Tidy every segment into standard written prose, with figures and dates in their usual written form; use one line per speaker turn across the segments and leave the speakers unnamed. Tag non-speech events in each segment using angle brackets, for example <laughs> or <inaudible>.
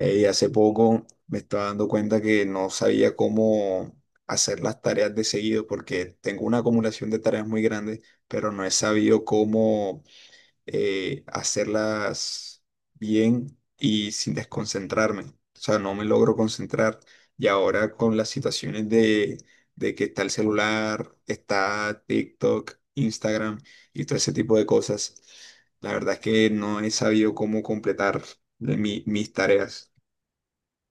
Hace poco me estaba dando cuenta que no sabía cómo hacer las tareas de seguido porque tengo una acumulación de tareas muy grande, pero no he sabido cómo hacerlas bien y sin desconcentrarme. O sea, no me logro concentrar. Y ahora con las situaciones de que está el celular, está TikTok, Instagram y todo ese tipo de cosas, la verdad es que no he sabido cómo completar mis tareas.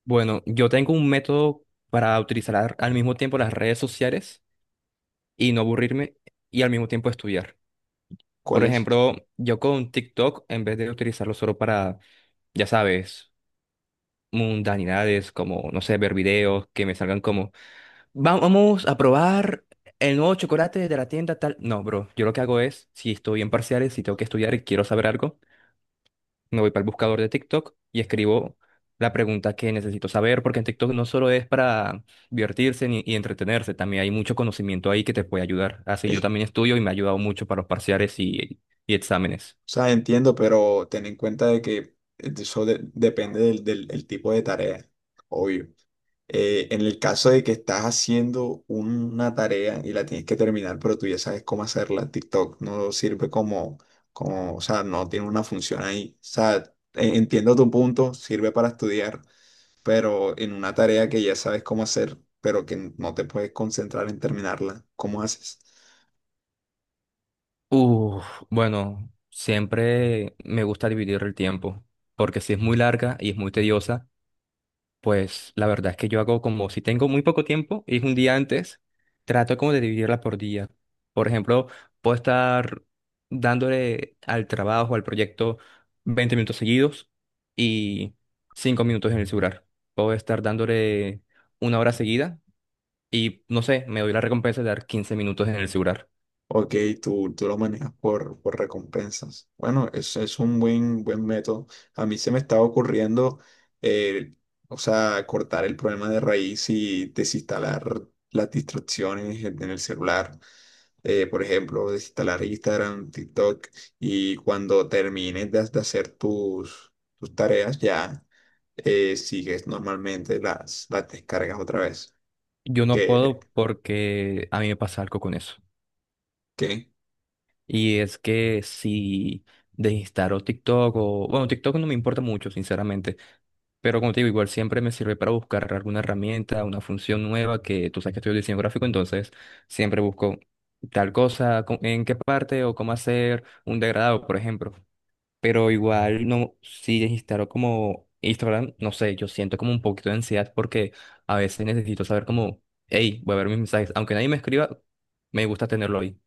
Bueno, yo tengo un método para utilizar al mismo tiempo las redes sociales y no aburrirme y al mismo tiempo estudiar. Por
¿Cuál es?
ejemplo, yo con TikTok, en vez de utilizarlo solo para, ya sabes, mundanidades, como, no sé, ver videos que me salgan como, Vamos a probar el nuevo chocolate de la tienda tal." No, bro, yo lo que hago es, si estoy en parciales, si tengo que estudiar y quiero saber algo, me voy para el buscador de TikTok y escribo la pregunta que necesito saber, porque en TikTok no solo es para divertirse ni, y entretenerse, también hay mucho conocimiento ahí que te puede ayudar. Así yo también
O
estudio y me ha ayudado mucho para los parciales y exámenes.
sea, entiendo, pero ten en cuenta de que eso depende el tipo de tarea, obvio. En el caso de que estás haciendo una tarea y la tienes que terminar, pero tú ya sabes cómo hacerla, TikTok no sirve o sea, no tiene una función ahí. O sea, entiendo tu punto, sirve para estudiar, pero en una tarea que ya sabes cómo hacer, pero que no te puedes concentrar en terminarla, ¿cómo haces?
Uf, bueno, siempre me gusta dividir el tiempo, porque si es muy larga y es muy tediosa... Pues la verdad es que yo hago, como si tengo muy poco tiempo y es un día antes, trato como de dividirla por día. Por ejemplo, puedo estar dándole al trabajo, al proyecto, 20 minutos seguidos y 5 minutos en el celular. Puedo estar dándole 1 hora seguida y, no sé, me doy la recompensa de dar 15 minutos en el celular.
Ok, tú lo manejas por recompensas. Bueno, eso es un buen método. A mí se me estaba ocurriendo, eh, o sea, cortar el problema de raíz y desinstalar las distracciones en el celular. Por ejemplo, desinstalar Instagram, TikTok, y cuando termines de hacer tus tareas ya, sigues normalmente las descargas otra vez.
Yo no
¿Qué,
puedo, porque a mí me pasa algo con eso.
qué?
Y es que si desinstalo TikTok, o bueno, TikTok no me importa mucho, sinceramente. Pero, como te digo, igual siempre me sirve para buscar alguna herramienta, una función nueva. Que tú sabes que estudio diseño gráfico, entonces siempre busco tal cosa, en qué parte o cómo hacer un degradado, por ejemplo. Pero igual no, si instalo como Instagram, no sé, yo siento como un poquito de ansiedad, porque a veces necesito saber como, hey, voy a ver mis mensajes, aunque nadie me escriba, me gusta tenerlo ahí.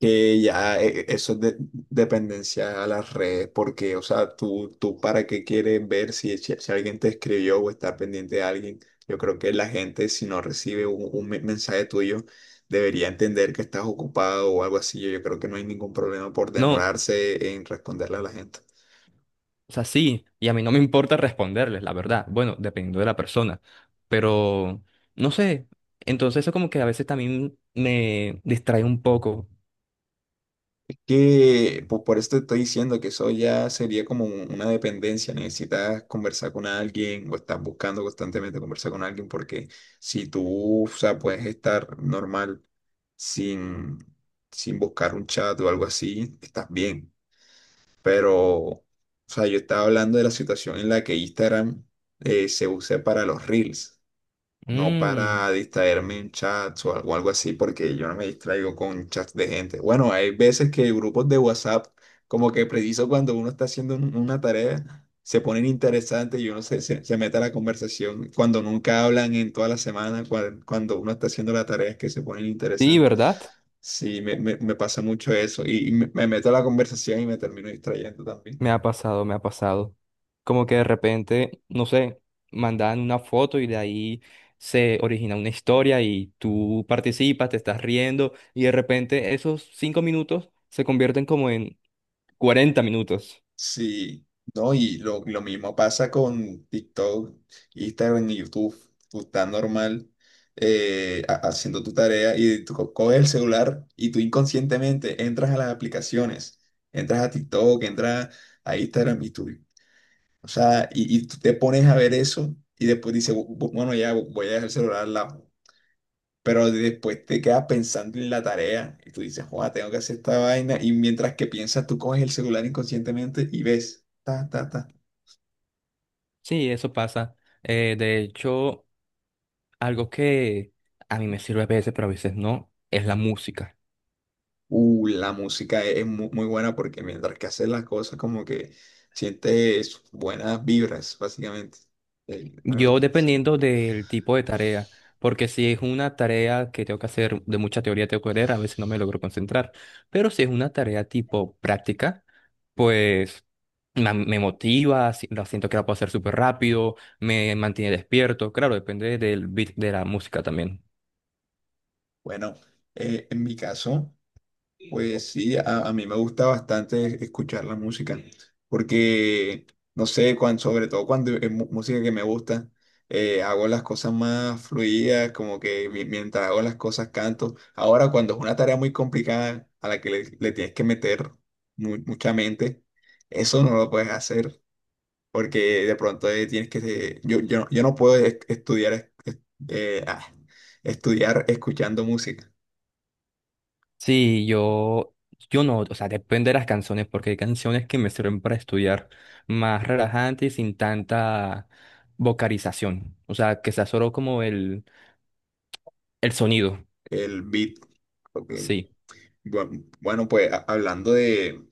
Que ya, eso es dependencia a la red, porque, o sea, tú para qué quieres ver si, si alguien te escribió o estar pendiente de alguien. Yo creo que la gente, si no recibe un mensaje tuyo, debería entender que estás ocupado o algo así. Yo creo que no hay ningún problema por
No,
demorarse en responderle a la gente.
o sea, sí, y a mí no me importa responderles, la verdad. Bueno, dependiendo de la persona. Pero no sé. Entonces eso, como que a veces también me distrae un poco.
Es que pues, por esto te estoy diciendo que eso ya sería como una dependencia. Necesitas conversar con alguien o estás buscando constantemente conversar con alguien porque si tú, o sea, puedes estar normal sin, sin buscar un chat o algo así, estás bien. Pero, o sea, yo estaba hablando de la situación en la que Instagram se usa para los reels, no
Mm,
para distraerme en chats o algo así, porque yo no me distraigo con chats de gente. Bueno, hay veces que grupos de WhatsApp, como que preciso cuando uno está haciendo una tarea, se ponen interesantes y uno se mete a la conversación cuando nunca hablan en toda la semana, cuando uno está haciendo la tarea es que se ponen
sí,
interesantes.
¿verdad?
Sí, me pasa mucho eso y me meto a la conversación y me termino distrayendo también.
Me ha pasado, me ha pasado. Como que de repente, no sé, mandan una foto y de ahí se origina una historia y tú participas, te estás riendo y de repente esos 5 minutos se convierten como en 40 minutos.
Sí, no, y lo mismo pasa con TikTok, Instagram y YouTube. Tú estás normal, haciendo tu tarea y tú coges el celular y tú inconscientemente entras a las aplicaciones, entras a TikTok, entras a Instagram y tú, o sea, y tú te pones a ver eso y después dices, Bueno, ya voy a dejar el celular al lado." Pero después te quedas pensando en la tarea y tú dices, "Joder, tengo que hacer esta vaina." Y mientras que piensas, tú coges el celular inconscientemente y ves, ta, ta, ta.
Sí, eso pasa. De hecho... algo que a mí me sirve a veces, pero a veces no, es la música.
La música es muy buena porque mientras que haces las cosas, como que sientes buenas vibras, básicamente. La
Yo,
verdad. O
dependiendo del tipo de tarea, porque si es una tarea que tengo que hacer de mucha teoría, tengo que leer, a veces no me logro concentrar. Pero si es una tarea tipo práctica, pues me motiva, la siento que la puedo hacer súper rápido, me mantiene despierto. Claro, depende del beat de la música también.
Bueno, en mi caso. Pues sí, a mí me gusta bastante escuchar la música, porque, no sé, sobre todo cuando es música que me gusta, hago las cosas más fluidas, como que mientras hago las cosas canto. Ahora, cuando es una tarea muy complicada a la que le tienes que meter mucha mente, eso no lo puedes hacer, porque de pronto tienes que... yo no puedo estudiar, eh, ah, estudiar escuchando música,
Sí, yo no, o sea, depende de las canciones, porque hay canciones que me sirven para estudiar, más relajante y sin tanta vocalización. O sea, que sea solo como el sonido.
el beat. Ok.
Sí,
Bueno, bueno, pues hablando de,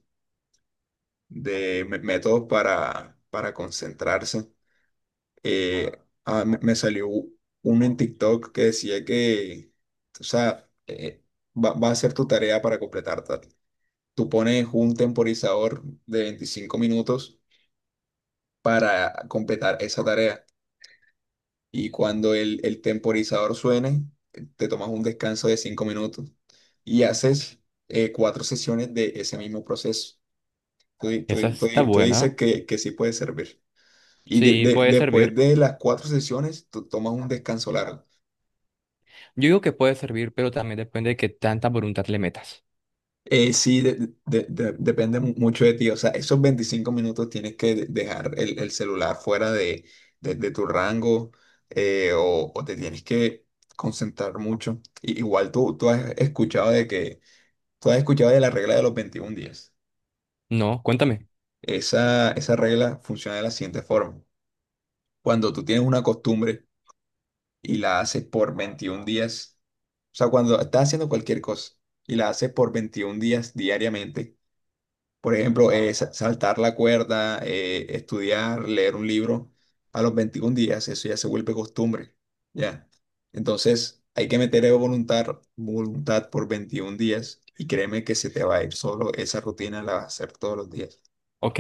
de me- métodos para concentrarse, eh, me salió uno en TikTok que decía que, o sea, va a ser tu tarea para completar tal. Tú pones un temporizador de 25 minutos para completar esa tarea y cuando el temporizador suene, te tomas un descanso de 5 minutos y haces cuatro sesiones de ese mismo proceso. Tú, di- tú
esa
di- tú
está
di- tú dices
buena.
que sí puede servir. Y
Sí, puede
después
servir.
de las cuatro sesiones, tú tomas un descanso largo.
Yo digo que puede servir, pero también depende de qué tanta voluntad le metas.
Sí, depende mucho de ti. O sea, esos 25 minutos tienes que dejar el celular fuera de tu rango, o te tienes que concentrar mucho. Igual tú has escuchado de la regla de los 21 días.
No, cuéntame.
Esa regla funciona de la siguiente forma. Cuando tú tienes una costumbre, y la hace por 21 días. O sea, cuando estás haciendo cualquier cosa y la hace por 21 días diariamente. Por ejemplo, saltar la cuerda, estudiar, leer un libro, a los 21 días eso ya se vuelve costumbre. Ya. Entonces, hay que meter voluntad, voluntad por 21 días y créeme que se te va a ir solo esa rutina, la vas a hacer todos los días.
Ok,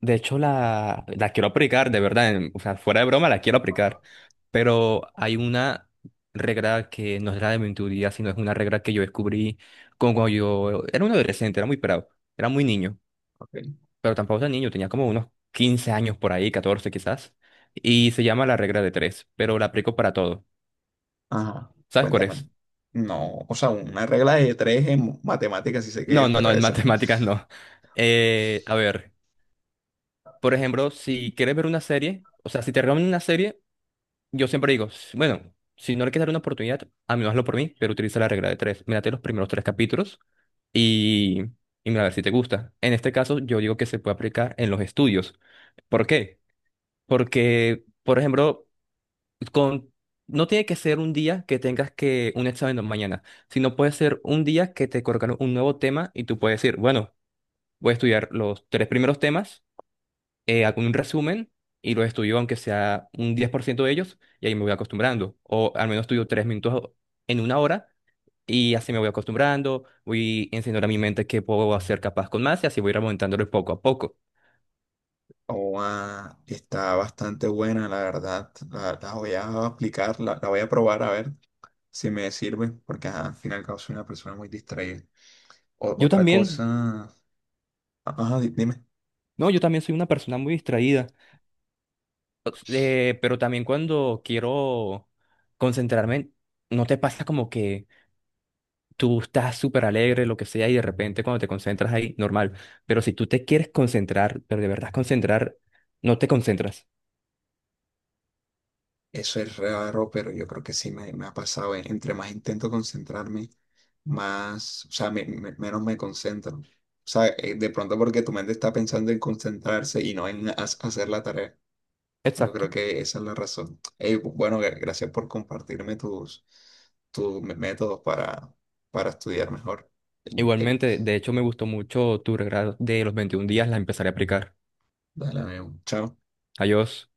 de hecho, la quiero aplicar, de verdad, o sea, fuera de broma la quiero aplicar, pero hay una regla que no es la de mi teoría, sino es una regla que yo descubrí con, cuando yo era un adolescente, era muy pelado, era muy niño,
Ok.
pero tampoco tan niño, tenía como unos 15 años por ahí, 14 quizás, y se llama la regla de tres, pero la aplico para todo.
Ajá.
¿Sabes cuál
Cuéntame.
es?
No, o sea, una regla de tres en matemáticas sí sé qué
No,
es,
no,
pero
no, en <laughs>
esa no.
matemáticas no. A ver, por ejemplo, si quieres ver una serie, o sea, si te recomiendan una serie, yo siempre digo, bueno, si no le quieres dar una oportunidad, a menos hazlo por mí, pero utiliza la regla de tres. Mírate los primeros tres capítulos y, y mira a ver si te gusta. En este caso, yo digo que se puede aplicar en los estudios. ¿Por qué? Porque, por ejemplo, con... no tiene que ser un día que tengas que un examen mañana, sino puede ser un día que te colocan un nuevo tema y tú puedes decir, bueno, voy a estudiar los tres primeros temas, hago un resumen y los estudio, aunque sea un 10% de ellos, y ahí me voy acostumbrando. O al menos estudio 3 minutos en 1 hora y así me voy acostumbrando, voy enseñando a mi mente que puedo ser capaz con más y así voy remontándolo poco a poco.
Oa, está bastante buena, la verdad. La voy a aplicar, la voy a probar a ver si me sirve, porque ajá, al final y al cabo soy una persona muy distraída.
Yo
Otra
también.
cosa, ajá, dime.
No, yo también soy una persona muy distraída, pero también cuando quiero concentrarme, ¿no te pasa como que tú estás súper alegre, lo que sea, y de repente cuando te concentras ahí, normal? Pero si tú te quieres concentrar, pero de verdad concentrar, no te concentras.
Eso es raro, pero yo creo que sí me ha pasado. Entre más intento concentrarme, más, o sea, menos me concentro. O sea, de pronto porque tu mente está pensando en concentrarse y no en hacer la tarea. Yo creo
Exacto.
que esa es la razón. Ey, bueno, gracias por compartirme tus métodos para estudiar mejor. Eh,
Igualmente, de hecho, me gustó mucho tu regalo de los 21 días, la empezaré a aplicar.
Dale, amigo. Chao.
Adiós.